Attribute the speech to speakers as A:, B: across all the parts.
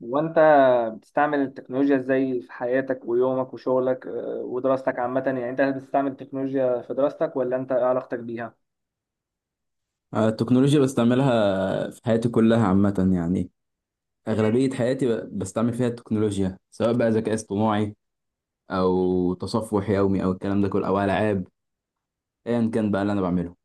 A: وانت بتستعمل التكنولوجيا ازاي في حياتك ويومك وشغلك ودراستك عامة. يعني انت هل بتستعمل التكنولوجيا في دراستك ولا انت ايه علاقتك بيها؟
B: التكنولوجيا بستعملها في حياتي كلها عامة يعني. أغلبية حياتي بستعمل فيها التكنولوجيا، سواء بقى ذكاء اصطناعي أو تصفح يومي أو الكلام ده كله أو ألعاب، أيا كان بقى اللي أنا بعمله.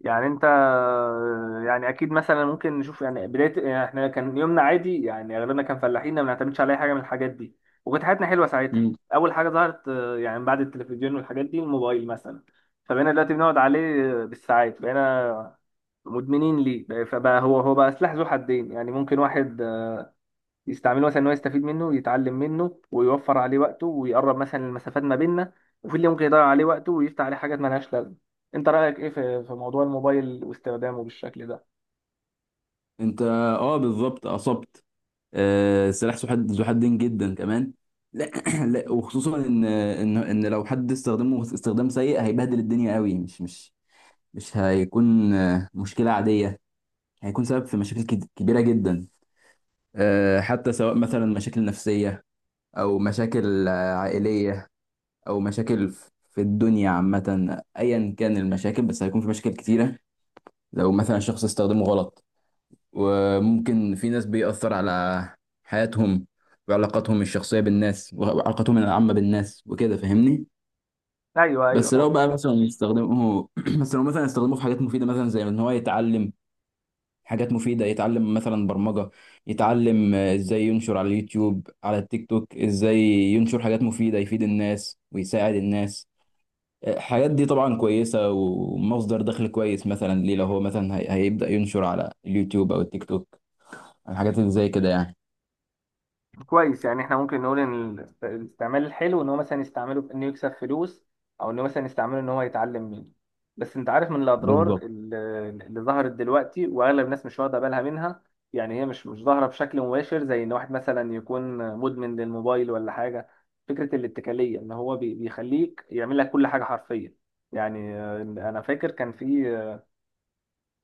A: يعني انت يعني اكيد مثلا ممكن نشوف يعني بداية يعني احنا كان يومنا عادي يعني اغلبنا كان فلاحين ما بنعتمدش على اي حاجة من الحاجات دي. وكانت حياتنا حلوة ساعتها.
B: مم.
A: اول حاجة ظهرت يعني بعد التلفزيون والحاجات دي الموبايل مثلا. فبقينا دلوقتي بنقعد عليه بالساعات، بقينا مدمنين ليه فبقى هو بقى سلاح ذو حدين، يعني ممكن واحد يستعمله مثلا ان هو يستفيد منه يتعلم منه ويوفر عليه وقته ويقرب مثلا المسافات ما بيننا، وفي اللي ممكن يضيع عليه وقته ويفتح عليه حاجات مالهاش لازمه. انت رايك ايه في موضوع الموبايل واستخدامه بالشكل ده؟
B: أنت بالظبط أصبت. سلاح ذو حدين جدا كمان. لا, لا، وخصوصا إن لو حد استخدمه استخدام سيء هيبهدل الدنيا قوي، مش هيكون مشكلة عادية. هيكون سبب في مشاكل كبيرة جدا، حتى سواء مثلا مشاكل نفسية، أو مشاكل عائلية، أو مشاكل في الدنيا عامة، أيا كان المشاكل، بس هيكون في مشاكل كتيرة لو مثلا شخص استخدمه غلط. وممكن في ناس بيأثر على حياتهم، وعلاقاتهم الشخصية بالناس وعلاقاتهم العامة بالناس وكده، فاهمني؟
A: ايوه،
B: بس لو
A: ايوه.
B: بقى مثلا يستخدمه بس لو مثلا يستخدمه في حاجات مفيدة، مثلا زي إن هو يتعلم حاجات مفيدة، يتعلم مثلا برمجة، يتعلم ازاي ينشر على اليوتيوب، على التيك توك ازاي ينشر حاجات مفيدة، يفيد الناس ويساعد الناس. الحاجات دي طبعا كويسة ومصدر دخل كويس مثلا ليه، لو هو مثلا هيبدأ ينشر على اليوتيوب او التيك توك الحاجات اللي زي كده يعني.
A: كويس، يعني احنا ممكن نقول ان الاستعمال الحلو ان هو مثلا يستعمله في انه يكسب فلوس، او انه مثلا يستعمله ان هو يتعلم منه. بس انت عارف من الاضرار
B: بالظبط.
A: اللي ظهرت دلوقتي واغلب الناس مش واخده بالها منها. يعني هي مش ظاهره بشكل مباشر زي ان واحد مثلا يكون مدمن للموبايل ولا حاجه. فكره الاتكاليه ان هو بيخليك يعمل لك كل حاجه حرفيا. يعني انا فاكر كان في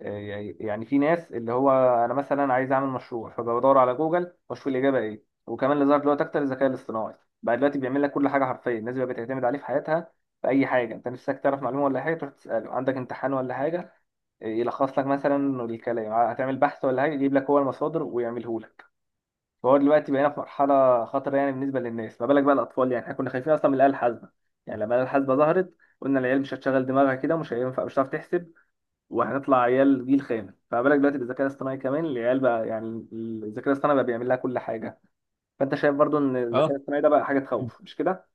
A: يعني في ناس اللي هو، انا مثلا عايز اعمل مشروع فبدور على جوجل واشوف الاجابه ايه. وكمان اللي ظهر دلوقتي اكتر الذكاء الاصطناعي، بقى دلوقتي بيعمل لك كل حاجه حرفيا. الناس بقى بتعتمد عليه في حياتها في اي حاجه. انت نفسك تعرف معلومه ولا حاجه تروح تساله، عندك امتحان ولا حاجه يلخص لك مثلا الكلام، هتعمل بحث ولا حاجه يجيب لك هو المصادر ويعمله لك. فهو دلوقتي بقينا في مرحله خطره يعني بالنسبه للناس، ما بالك بقى الاطفال. يعني احنا كنا خايفين اصلا من الاله الحاسبه، يعني لما الاله الحاسبه ظهرت قلنا العيال مش هتشغل دماغها كده، مش هينفع، مش هتعرف تحسب، وهنطلع عيال جيل خامس. فما بالك دلوقتي بالذكاء الاصطناعي كمان، العيال بقى يعني الذكاء الاصطناعي بقى بيعمل لها كل حاجه. فانت شايف برضو ان الذكاء
B: اه
A: الاصطناعي ده بقى حاجه تخوف، مش كده؟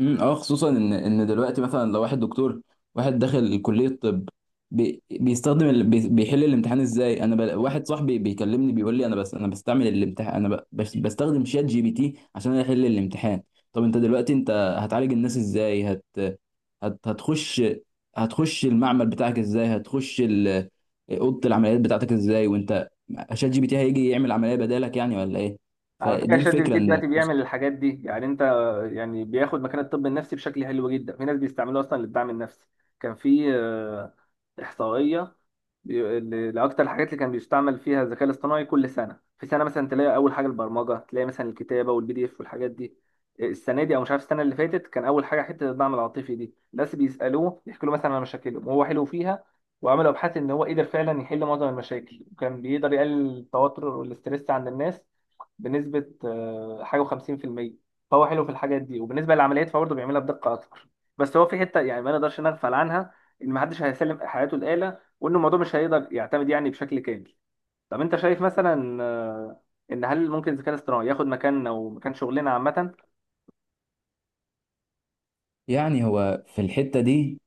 B: اه خصوصا ان دلوقتي مثلا لو واحد دكتور، واحد داخل كليه طب، بيستخدم بيحل الامتحان ازاي، واحد صاحبي بيكلمني بيقول لي: انا بس انا بستعمل الامتحان انا ب... بس بستخدم شات جي بي تي عشان احل الامتحان. طب انت دلوقتي، انت هتعالج الناس ازاي؟ هت... هتخش هتخش المعمل بتاعك ازاي، هتخش اوضه العمليات بتاعتك ازاي، وانت شات جي بي تي هيجي يعمل عمليه بدالك يعني ولا ايه؟
A: على فكره،
B: فدي
A: شات جي بي
B: الفكره
A: تي
B: ان.
A: دلوقتي بيعمل الحاجات دي يعني، انت يعني بياخد مكان الطب النفسي بشكل حلو جدا. في ناس بيستعملوه اصلا للدعم النفسي. كان في احصائيه، اللي اكتر الحاجات اللي كان بيستعمل فيها الذكاء الاصطناعي كل سنه في سنه، مثلا تلاقي اول حاجه البرمجه، تلاقي مثلا الكتابه والبي دي اف والحاجات دي. السنه دي او مش عارف السنه اللي فاتت، كان اول حاجه حته الدعم العاطفي. دي الناس بيسالوه يحكوا له مثلا عن مشاكلهم وهو حلو فيها، وعملوا ابحاث ان هو قدر فعلا يحل معظم المشاكل، وكان بيقدر يقلل التوتر والاستريس عند الناس بنسبه حاجه و50%. فهو حلو في الحاجات دي، وبالنسبه للعمليات فهو برضه بيعملها بدقه اكتر. بس هو في حته يعني ما نقدرش نغفل عنها، ان محدش هيسلم حياته الاله، وان الموضوع مش هيقدر يعتمد يعني بشكل كامل. طب انت شايف مثلا ان هل ممكن الذكاء الاصطناعي ياخد مكاننا ومكان شغلنا عامه؟
B: يعني هو في الحتة دي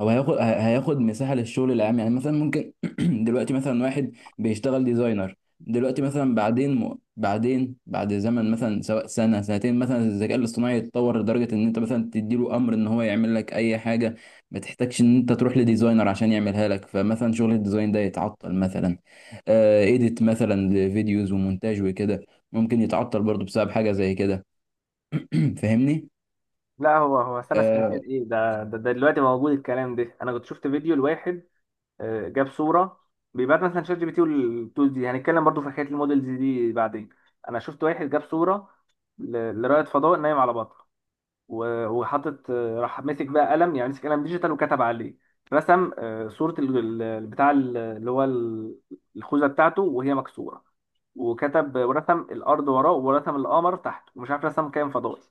B: هو هياخد مساحة للشغل العام، يعني مثلا ممكن دلوقتي مثلا واحد بيشتغل ديزاينر، دلوقتي مثلا بعدين بعد زمن، مثلا سواء سنة سنتين، مثلا الذكاء الاصطناعي يتطور لدرجة ان انت مثلا تديله امر ان هو يعمل لك اي حاجة. ما تحتاجش ان انت تروح لديزاينر عشان يعملها لك، فمثلا شغل الديزاين ده يتعطل مثلا. ايديت مثلا لفيديوز ومونتاج وكده ممكن يتعطل برضو بسبب حاجة زي كده. فاهمني؟
A: لا، هو سنه سنتين
B: آه
A: ايه ده دلوقتي موجود الكلام ده. انا كنت شفت فيديو لواحد جاب صوره، بيبعت مثلا شات جي بي تي والتولز دي، هنتكلم برضو في حكايه المودلز دي بعدين. انا شفت واحد جاب صوره لرائد فضاء نايم على بطن، وحاطط راح ماسك بقى قلم، يعني مسك قلم ديجيتال وكتب عليه، رسم صورة ال- ال- البتاع ال- اللي هو ال- الخوذة بتاعته وهي مكسورة، وكتب ورسم الأرض وراه ورسم القمر تحته ومش عارف رسم كائن فضائي.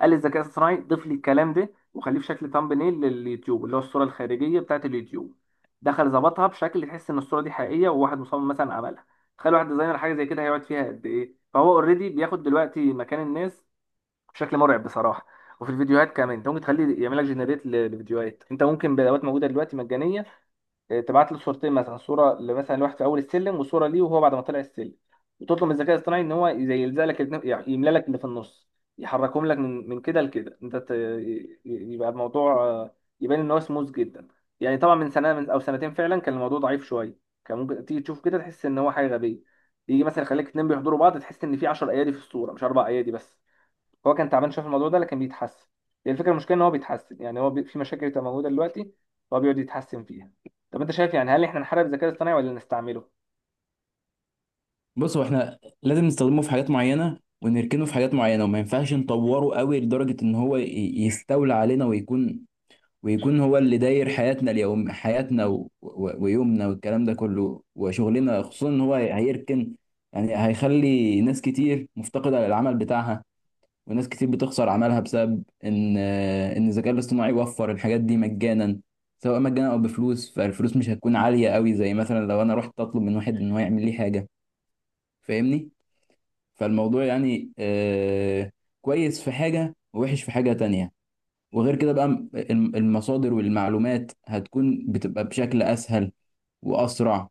A: قال للذكاء الاصطناعي ضيف لي الكلام ده وخليه في شكل thumbnail لليوتيوب، اللي هو الصورة الخارجية بتاعت اليوتيوب. دخل ظبطها بشكل تحس ان الصورة دي حقيقية وواحد مصمم مثلا عملها. تخيل واحد ديزاينر حاجة زي كده هيقعد فيها قد ايه. فهو اوريدي بياخد دلوقتي مكان الناس بشكل مرعب بصراحه. وفي الفيديوهات كمان، انت ممكن تخليه يعمل لك جنريت للفيديوهات. انت ممكن بادوات موجوده دلوقتي مجانيه، اه، تبعت له صورتين، مثلا صوره مثلا لواحد في اول السلم وصوره ليه وهو بعد ما طلع السلم، وتطلب من الذكاء الاصطناعي ان هو زي يلزق لك يعني يملى لك اللي في النص، يحركهم لك من كده لكده. انت يبقى الموضوع يبان ان هو سموث جدا. يعني طبعا من سنه او سنتين فعلا كان الموضوع ضعيف شويه. كان ممكن تيجي تشوف كده تحس ان هو حاجه غبيه، يجي مثلا يخليك اتنين بيحضروا بعض تحس ان في 10 ايادي في الصوره مش 4 ايادي بس. هو كان تعبان شويه في الموضوع ده لكن بيتحسن. هي الفكره، المشكله ان هو بيتحسن. يعني هو في مشاكل بتبقى موجوده دلوقتي هو بيقعد يتحسن فيها. طب انت شايف يعني هل احنا نحارب الذكاء الاصطناعي ولا نستعمله؟
B: بص، هو احنا لازم نستخدمه في حاجات معينة ونركنه في حاجات معينة، وما ينفعش نطوره قوي لدرجة ان هو يستولى علينا ويكون هو اللي داير حياتنا اليوم، حياتنا ويومنا والكلام ده كله وشغلنا، خصوصا ان هو هيركن. يعني هيخلي ناس كتير مفتقدة للعمل بتاعها، وناس كتير بتخسر عملها بسبب ان الذكاء الاصطناعي وفر الحاجات دي مجانا، سواء مجانا او بفلوس. فالفلوس مش هتكون عالية قوي، زي مثلا لو انا رحت اطلب من واحد ان هو يعمل لي حاجة، فاهمني؟ فالموضوع يعني كويس في حاجة ووحش في حاجة تانية. وغير كده بقى، المصادر والمعلومات هتكون بتبقى بشكل أسهل وأسرع.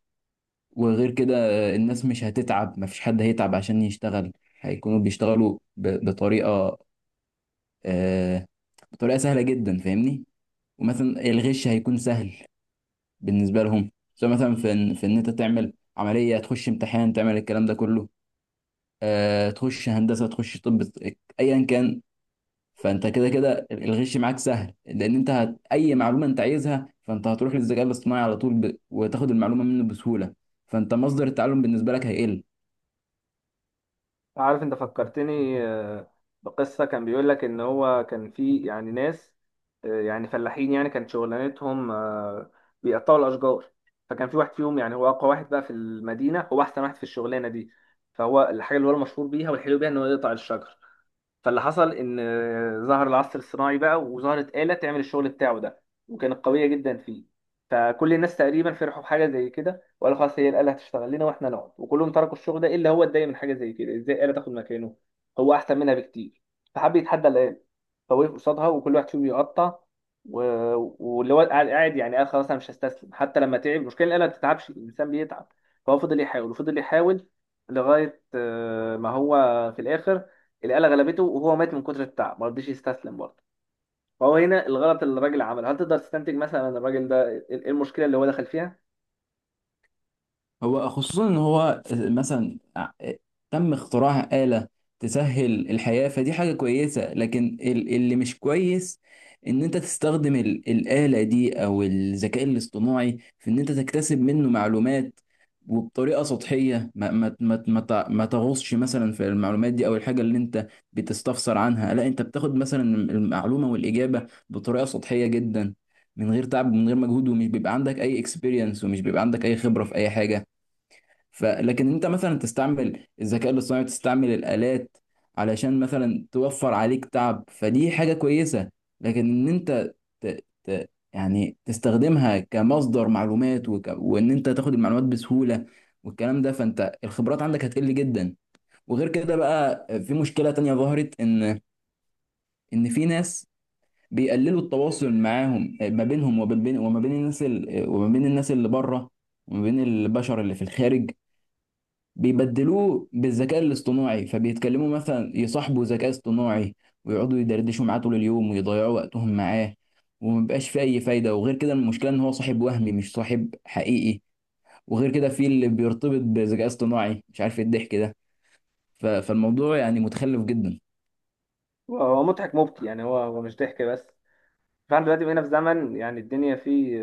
B: وغير كده الناس مش هتتعب، مفيش حد هيتعب عشان يشتغل، هيكونوا بيشتغلوا آه بطريقة سهلة جدا، فاهمني. ومثلا الغش هيكون سهل بالنسبة لهم، سواء مثلا في إن أنت تعمل عملية، تخش امتحان، تعمل الكلام ده كله، تخش هندسة، تخش طب، ايا كان. فانت كده كده الغش معاك سهل، لان انت اي معلومه انت عايزها فانت هتروح للذكاء الاصطناعي على طول، وتاخد المعلومه منه بسهوله. فانت مصدر التعلم بالنسبه لك هيقل.
A: عارف، انت فكرتني بقصة، كان بيقول لك ان هو كان في يعني ناس يعني فلاحين يعني كانت شغلانتهم بيقطعوا الاشجار. فكان في واحد فيهم يعني هو اقوى واحد بقى في المدينة، هو احسن واحد في الشغلانة دي. فهو الحاجة اللي هو المشهور بيها والحلو بيها ان هو يقطع الشجر. فاللي حصل ان ظهر العصر الصناعي بقى، وظهرت آلة تعمل الشغل بتاعه ده، وكانت قوية جدا فيه. فكل الناس تقريبا فرحوا بحاجة زي كده وقالوا خلاص هي الآلة هتشتغل لنا واحنا نقعد، وكلهم تركوا الشغل ده الا هو. اتضايق من حاجة زي كده، ازاي آلة تاخد مكانه هو احسن منها بكتير؟ فحب يتحدى الآلة، فوقف قصادها وكل واحد فيهم يقطع و... واللي هو قاعد قاعد يعني، قال خلاص انا مش هستسلم حتى لما تعب. المشكله الآلة ما بتتعبش، الانسان بيتعب. فهو فضل يحاول وفضل يحاول لغايه ما هو في الاخر الآلة غلبته، وهو مات من كتر التعب ما رضيش يستسلم برضه. فهو هنا الغلط اللي الراجل عمله، هل تقدر تستنتج مثلا إن الراجل ده ايه إيه المشكلة اللي هو دخل فيها؟
B: هو خصوصا ان هو مثلا تم اختراع آلة تسهل الحياة، فدي حاجة كويسة، لكن اللي مش كويس ان انت تستخدم الآلة دي او الذكاء الاصطناعي في ان انت تكتسب منه معلومات، وبطريقة سطحية، ما تغوصش مثلا في المعلومات دي او الحاجة اللي انت بتستفسر عنها، لا، انت بتاخد مثلا المعلومة والإجابة بطريقة سطحية جدا، من غير تعب ومن غير مجهود، ومش بيبقى عندك اي اكسبيرينس، ومش بيبقى عندك اي خبرة في اي حاجة. فلكن انت مثلا تستعمل الذكاء الاصطناعي، تستعمل الالات، علشان مثلا توفر عليك تعب، فدي حاجه كويسه. لكن ان انت يعني تستخدمها كمصدر معلومات، وان انت تاخد المعلومات بسهوله والكلام ده، فانت الخبرات عندك هتقل جدا. وغير كده بقى في مشكله تانية ظهرت، ان في ناس بيقللوا التواصل معاهم، ما بينهم وما بين الناس، وما بين الناس اللي بره، وما بين البشر اللي في الخارج. بيبدلوه بالذكاء الاصطناعي، فبيتكلموا مثلا يصاحبوا ذكاء اصطناعي، ويقعدوا يدردشوا معاه طول اليوم ويضيعوا وقتهم معاه، ومبقاش فيه أي فايدة. وغير كده المشكلة إن هو صاحب وهمي مش صاحب حقيقي. وغير كده في اللي بيرتبط بذكاء اصطناعي، مش عارف إيه الضحك ده. فالموضوع يعني متخلف جدا.
A: هو مضحك مبكي يعني، هو مش ضحك بس. فاحنا دلوقتي بقينا في زمن يعني الدنيا فيه،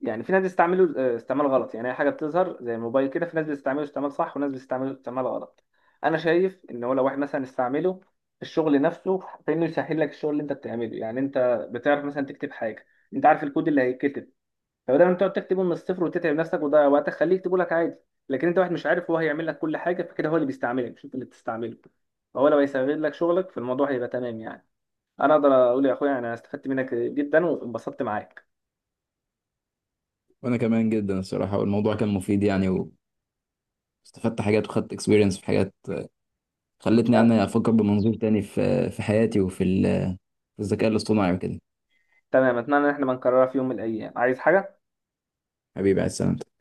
A: يعني في ناس بيستعملوا استعمال غلط. يعني اي حاجه بتظهر زي الموبايل كده، في ناس بتستعمله استعمال صح وناس بتستعمله استعمال غلط. انا شايف ان هو لو واحد مثلا استعمله في الشغل نفسه، فانه يسهل لك الشغل اللي انت بتعمله. يعني انت بتعرف مثلا تكتب حاجه، انت عارف الكود اللي هيتكتب، فبدل ما انت تقعد تكتبه من الصفر وتتعب نفسك وتضيع وقتك خليه يكتبه لك عادي. لكن انت واحد مش عارف، هو هيعمل لك كل حاجه، فكده هو اللي بيستعملك مش انت اللي بتستعمله. فهو لو هيسهل لك شغلك فالموضوع هيبقى تمام يعني. انا اقدر اقول يا اخويا يعني انا استفدت منك جدا وانبسطت معاك.
B: وأنا كمان جدا الصراحة، والموضوع كان مفيد يعني، واستفدت حاجات وخدت اكسبيرينس في حاجات، خلتني يعني أفكر بمنظور تاني في حياتي وفي في الذكاء الاصطناعي وكده.
A: تمام، اتمنى ان احنا ما نكررها في يوم من الايام. عايز حاجه؟
B: حبيبي، على السلامة.